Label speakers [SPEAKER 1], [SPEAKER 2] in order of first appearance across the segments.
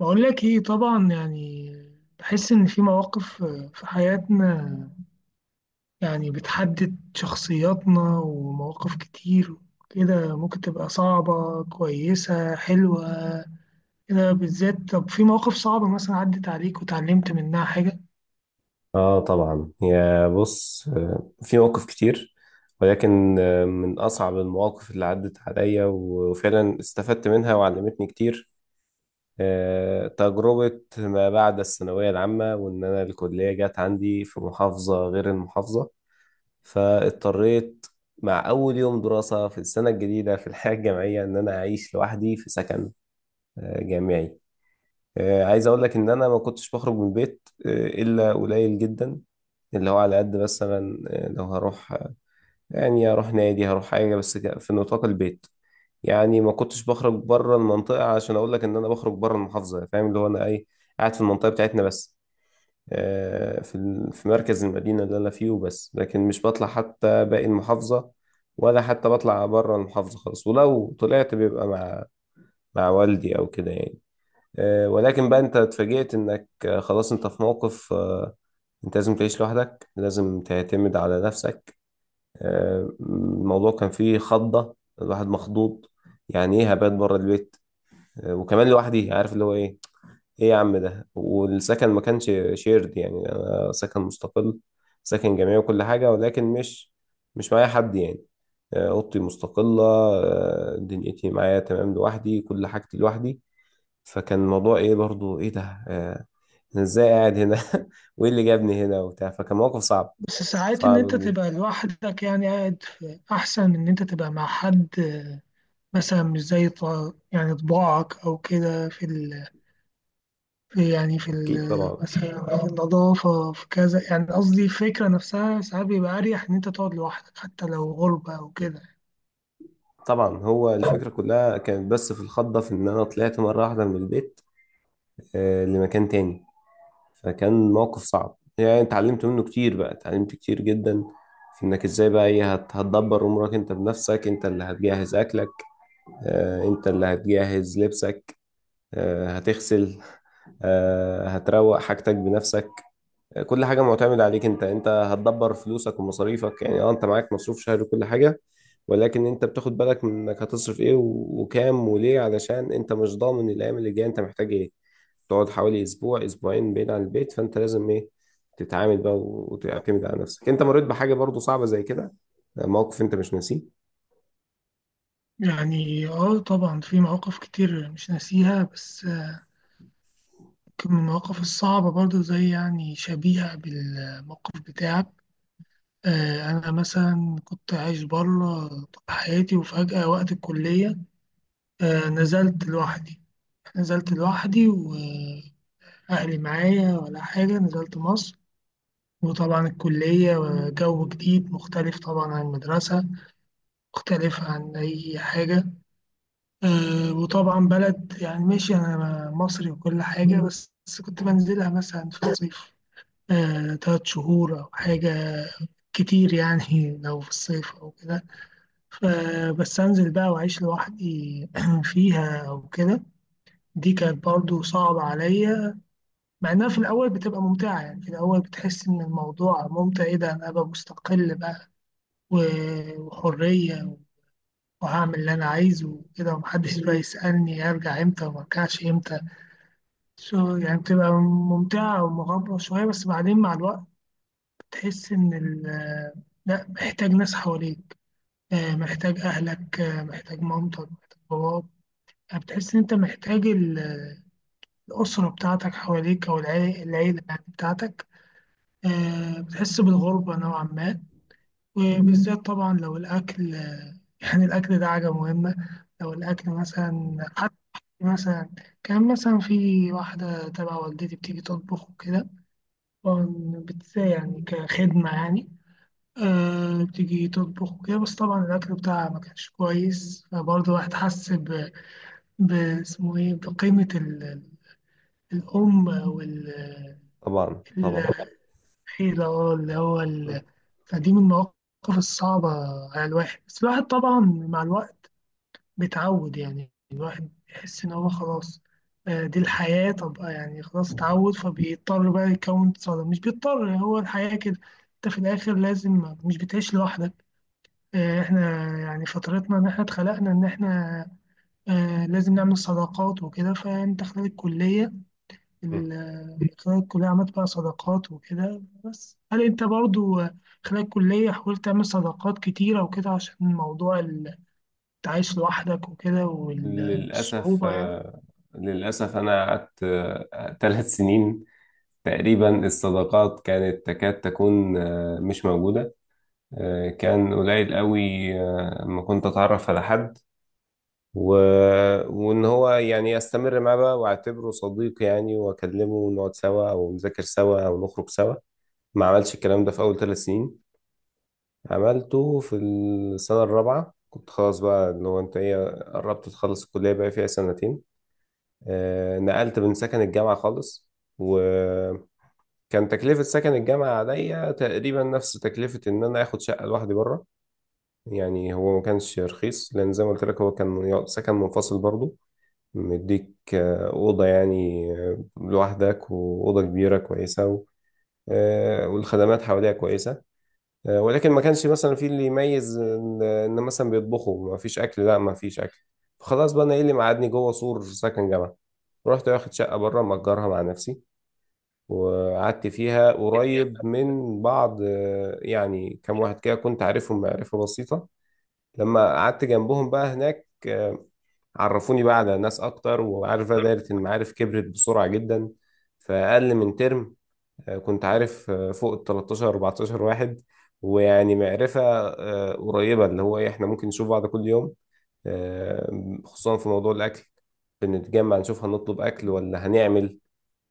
[SPEAKER 1] بقول لك ايه طبعا يعني بحس ان في مواقف في حياتنا يعني بتحدد شخصياتنا ومواقف كتير كده ممكن تبقى صعبة كويسة حلوة كده بالذات. طب في مواقف صعبة مثلا عدت عليك وتعلمت منها حاجة؟
[SPEAKER 2] اه، طبعا، يا بص، في مواقف كتير. ولكن من اصعب المواقف اللي عدت عليا وفعلا استفدت منها وعلمتني كتير، تجربة ما بعد الثانوية العامة، وان انا الكلية جت عندي في محافظة غير المحافظة، فاضطريت مع اول يوم دراسة في السنة الجديدة في الحياة الجامعية ان انا اعيش لوحدي في سكن جامعي. عايز اقول لك ان انا ما كنتش بخرج من البيت الا قليل جدا، اللي هو على قد مثلا لو هروح، يعني هروح نادي، هروح حاجة، بس في نطاق البيت. يعني ما كنتش بخرج بره المنطقة، عشان أقول لك إن أنا بخرج بره المحافظة. فاهم اللي هو أنا إيه؟ قاعد في المنطقة بتاعتنا بس، في في مركز المدينة اللي أنا فيه وبس، لكن مش بطلع حتى باقي المحافظة، ولا حتى بطلع بره المحافظة خالص، ولو طلعت بيبقى مع والدي أو كده يعني. ولكن بقى أنت اتفاجئت إنك خلاص أنت في موقف، انت لازم تعيش لوحدك، لازم تعتمد على نفسك. الموضوع كان فيه خضة، الواحد مخضوض. يعني ايه هبات بره البيت وكمان لوحدي؟ عارف اللي هو ايه؟ ايه يا عم ده، والسكن ما كانش شيرد، يعني انا سكن مستقل، سكن جامعي وكل حاجة، ولكن مش معايا حد يعني. اوضتي مستقلة، دنيتي معايا تمام لوحدي، كل حاجتي لوحدي. فكان الموضوع ايه برضو؟ ايه ده، آه، انا ازاي قاعد هنا وايه اللي جابني هنا وبتاع. فكان موقف صعب،
[SPEAKER 1] بس ساعات ان
[SPEAKER 2] صعب
[SPEAKER 1] انت
[SPEAKER 2] كبير.
[SPEAKER 1] تبقى لوحدك يعني قاعد في احسن من ان انت تبقى مع حد آه، مثلا مش زي يعني طباعك او كده في ال في يعني
[SPEAKER 2] اكيد، طبعا.
[SPEAKER 1] مثلا في النظافة في كذا، يعني قصدي الفكرة نفسها ساعات بيبقى أريح إن أنت تقعد لوحدك حتى لو غربة أو كده.
[SPEAKER 2] طبعا هو الفكرة كلها كانت بس في الخضة، في إن أنا طلعت مرة واحدة من البيت لمكان تاني. فكان موقف صعب يعني اتعلمت منه كتير، بقى اتعلمت كتير جدا في إنك إزاي بقى إيه هتدبر أمورك أنت بنفسك. أنت اللي هتجهز أكلك، أنت اللي هتجهز لبسك، هتغسل، هتروق حاجتك بنفسك. كل حاجة معتمد عليك انت. هتدبر فلوسك ومصاريفك. يعني اه، انت معاك مصروف شهري وكل حاجة، ولكن انت بتاخد بالك من انك هتصرف ايه وكام وليه، علشان انت مش ضامن الايام اللي جاية انت محتاج ايه. تقعد حوالي اسبوع اسبوعين بعيد عن البيت، فانت لازم ايه، تتعامل بقى وتعتمد على نفسك. انت مريت بحاجة برضو صعبة زي كده، موقف انت مش ناسيه.
[SPEAKER 1] يعني اه طبعا في مواقف كتير مش ناسيها، بس يمكن من المواقف الصعبة برضو زي يعني شبيهة بالموقف بتاعك. آه، أنا مثلا كنت عايش بره طول حياتي وفجأة وقت الكلية آه، نزلت لوحدي وأهلي معايا ولا حاجة، نزلت مصر وطبعا الكلية جو جديد مختلف طبعا عن المدرسة، مختلف عن أي حاجة. آه، وطبعا بلد يعني ماشي أنا مصري وكل حاجة، بس كنت بنزلها مثلا في الصيف آه، تلات شهور أو حاجة كتير يعني لو في الصيف أو كده. فبس أنزل بقى وأعيش لوحدي فيها أو كده. دي كانت برضو صعبة عليا، مع إنها في الأول بتبقى ممتعة. يعني في الأول بتحس إن الموضوع ممتع، إيه ده أنا أبقى مستقل بقى، وحرية، وهعمل اللي أنا عايزه وكده ومحدش بقى يسألني أرجع إمتى وما أرجعش إمتى. سو يعني بتبقى ممتعة ومغامرة شوية، بس بعدين مع الوقت بتحس إن لأ محتاج ناس حواليك، آه، محتاج أهلك، آه، محتاج مامتك، محتاج باباك. يعني بتحس إن أنت محتاج الأسرة بتاعتك حواليك أو العيلة يعني بتاعتك. آه، بتحس بالغربة نوعا ما، وبالذات طبعا لو الأكل. يعني الأكل ده حاجة مهمة. لو الأكل مثلا حتى مثلا كان مثلا في واحدة تبع والدتي بتيجي تطبخ وكده، طبعاً يعني كخدمة يعني، آه بتيجي تطبخ وكده، بس طبعا الأكل بتاعها ما كانش كويس، فبرضه الواحد حس ب- اسمه إيه بقيمة الأم أو
[SPEAKER 2] طبعا، طبعا.
[SPEAKER 1] ال- الحيلة أه، اللي هو ال-.
[SPEAKER 2] مم.
[SPEAKER 1] فدي من المواقف الصعبة على الواحد، بس الواحد طبعا مع الوقت بتعود، يعني الواحد يحس إن هو خلاص آه، دي الحياة. طب آه، يعني خلاص اتعود فبيضطر بقى يكون صداقة، مش بيضطر يعني هو الحياة كده. أنت في الآخر لازم مش بتعيش لوحدك. آه، إحنا يعني فترتنا إن إحنا اتخلقنا إن إحنا آه، لازم نعمل صداقات وكده. فأنت خلال الكلية
[SPEAKER 2] مم.
[SPEAKER 1] خلال الكلية عملت بقى صداقات وكده، بس هل أنت برضو آه، خلال الكلية حاولت تعمل صداقات كتيرة وكده عشان موضوع عايش لوحدك وكده
[SPEAKER 2] للأسف
[SPEAKER 1] والصعوبة يعني؟
[SPEAKER 2] آه، للأسف أنا قعدت 3 سنين تقريبا، الصداقات كانت تكاد تكون مش موجودة. كان قليل قوي، ما كنت أتعرف على حد و... وإن هو يعني أستمر معاه بقى وأعتبره صديق يعني وأكلمه ونقعد سوا أو نذاكر سوا أو نخرج سوا. ما عملش الكلام ده في أول 3 سنين، عملته في السنة الرابعة. كنت خلاص بقى اللي هو أنت إيه، قربت تخلص الكلية، بقى فيها سنتين. نقلت من سكن الجامعة خالص، و كان تكلفة سكن الجامعة عليا تقريبا نفس تكلفة إن أنا آخد شقة لوحدي بره. يعني هو ما كانش رخيص، لأن زي ما قلت لك هو كان سكن منفصل برضه. مديك أوضة يعني لوحدك، وأوضة كبيرة كويسة والخدمات حواليها كويسة. ولكن ما كانش مثلا في اللي يميز إن مثلا بيطبخوا، ما فيش أكل، لا ما فيش أكل. فخلاص بقى أنا إيه اللي مقعدني جوه سور سكن جامعة؟ رحت واخد شقة بره مأجرها مع نفسي، وقعدت فيها قريب من بعض. يعني كام واحد كده كنت عارفهم معرفة بسيطة، لما قعدت جنبهم بقى هناك عرفوني بقى على ناس أكتر، وعارف بقى دايرة المعارف كبرت بسرعة جدا. فأقل من ترم كنت عارف فوق ال 13 14 واحد. ويعني معرفة قريبة، اللي هو إيه، إحنا ممكن نشوف بعض كل يوم. خصوصا في موضوع الأكل، بنتجمع نشوف هنطلب أكل ولا هنعمل.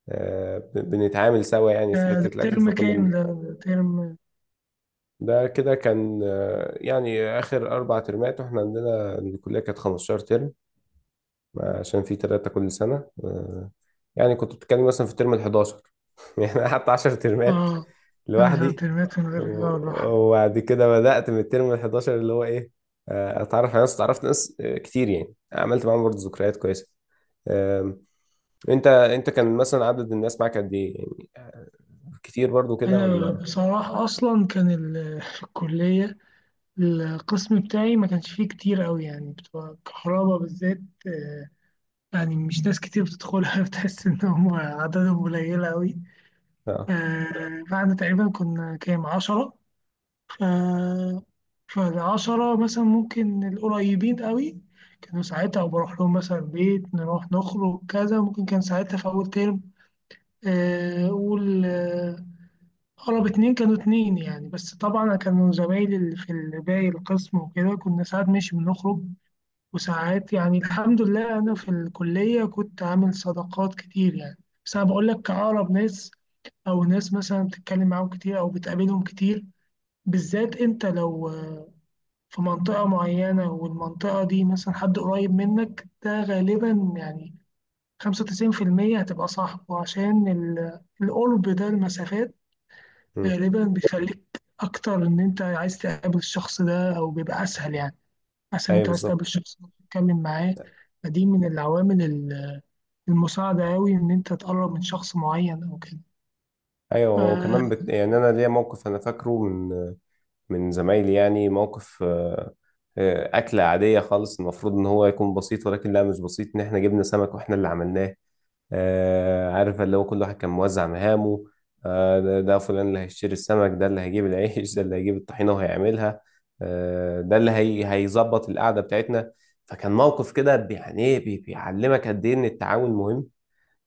[SPEAKER 2] بنتعامل سوا يعني
[SPEAKER 1] ده
[SPEAKER 2] في حتة
[SPEAKER 1] ده
[SPEAKER 2] الأكل،
[SPEAKER 1] ترم
[SPEAKER 2] فكنا
[SPEAKER 1] كام، ده ترم؟
[SPEAKER 2] ده كده كان يعني آخر 4 ترمات، وإحنا عندنا الكلية كانت 15 ترم، عشان في تلاتة كل سنة. يعني كنت بتتكلم مثلا في الترم ال 11 يعني أنا قعدت 10 ترمات
[SPEAKER 1] اه، آخر
[SPEAKER 2] لوحدي.
[SPEAKER 1] ترمات من غير اه لوحدي.
[SPEAKER 2] وبعد كده بدأت من الترم ال 11 اللي هو إيه، أتعرف على ناس. اتعرفت ناس كتير يعني، عملت معاهم برضه ذكريات كويسة. آم، أنت، كان مثلا عدد الناس معاك قد إيه يعني، كتير برضه كده
[SPEAKER 1] أنا
[SPEAKER 2] ولا؟
[SPEAKER 1] بصراحة أصلا كان ال- في الكلية القسم بتاعي ما كانش فيه كتير أوي، يعني بتوع الكهرباء بالذات آه، يعني مش ناس كتير بتدخلها بتحس إن هم عددهم قليلة أوي.
[SPEAKER 2] آه.
[SPEAKER 1] آه، بعد تقريبا كنا كام عشرة، آه. فالعشرة مثلا ممكن القريبين قوي كانوا ساعتها بروح لهم مثلا بيت، نروح نخرج كذا. ممكن كان ساعتها في أول ترم، آه، أقول آه، أقرب اتنين كانوا اتنين يعني. بس طبعا كانوا زمايلي اللي في باقي القسم وكده كنا ساعات ماشي بنخرج، وساعات يعني الحمد لله أنا في الكلية كنت عامل صداقات كتير يعني. بس أنا بقول لك أقرب ناس أو ناس مثلا بتتكلم معاهم كتير أو بتقابلهم كتير، بالذات أنت لو في منطقة معينة والمنطقة دي مثلا حد قريب منك، ده غالبا يعني 95% هتبقى صاحبه عشان القرب ده، المسافات
[SPEAKER 2] مم.
[SPEAKER 1] غالبا بيخليك أكتر إن أنت عايز تقابل الشخص ده أو بيبقى أسهل، يعني أسهل
[SPEAKER 2] ايوه
[SPEAKER 1] أنت عايز تقابل
[SPEAKER 2] بالظبط.
[SPEAKER 1] الشخص ده تتكلم معاه. فدي من العوامل المساعدة أوي إن أنت تقرب من شخص معين أو كده.
[SPEAKER 2] ايوه وكمان
[SPEAKER 1] ف-
[SPEAKER 2] يعني انا ليا موقف انا فاكره من زمايلي، يعني موقف اكله عاديه خالص، المفروض ان هو يكون بسيط ولكن لا مش بسيط، ان احنا جبنا سمك واحنا اللي عملناه. عارف اللي هو كل واحد كان موزع مهامه. ده فلان اللي هيشتري السمك، ده اللي هيجيب العيش، ده اللي هيجيب الطحينه وهيعملها. ده اللي هيظبط القعده بتاعتنا. فكان موقف كده يعني ايه بيعلمك قد ايه ان التعاون مهم.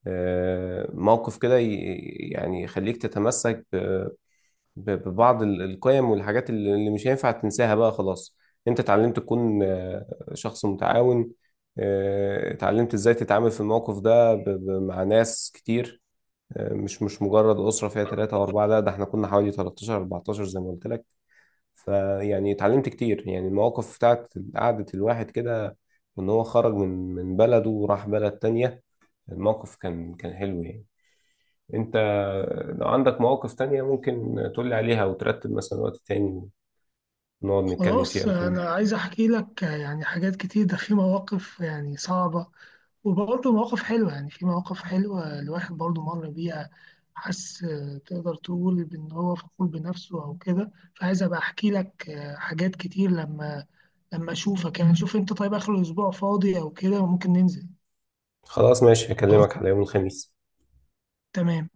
[SPEAKER 2] موقف كده يعني يخليك تتمسك ببعض القيم والحاجات اللي مش هينفع تنساها بقى خلاص. انت اتعلمت تكون شخص متعاون. اتعلمت ازاي تتعامل في الموقف ده مع ناس كتير. مش مجرد أسرة فيها 3 أو 4، لا ده احنا كنا حوالي 13 14 زي ما قلت لك. فيعني اتعلمت كتير يعني المواقف بتاعت قعدة الواحد كده، وإن هو خرج من بلده وراح بلد تانية. الموقف كان حلو يعني. انت لو عندك مواقف تانية ممكن تقولي عليها وترتب مثلا وقت تاني ونقعد نتكلم فيها
[SPEAKER 1] خلاص أنا
[SPEAKER 2] يمكن.
[SPEAKER 1] عايز أحكي لك يعني حاجات كتير، ده في مواقف يعني صعبة وبرضه مواقف حلوة. يعني في مواقف حلوة الواحد برضه مر بيها، حس آه، تقدر تقول بإن هو فخور بنفسه أو كده. فعايز أبقى أحكي لك آه، حاجات كتير لما لما أشوفك. يعني شوف أنت طيب آخر الأسبوع فاضي أو كده وممكن ننزل؟
[SPEAKER 2] خلاص ماشي، هكلمك على يوم الخميس.
[SPEAKER 1] تمام.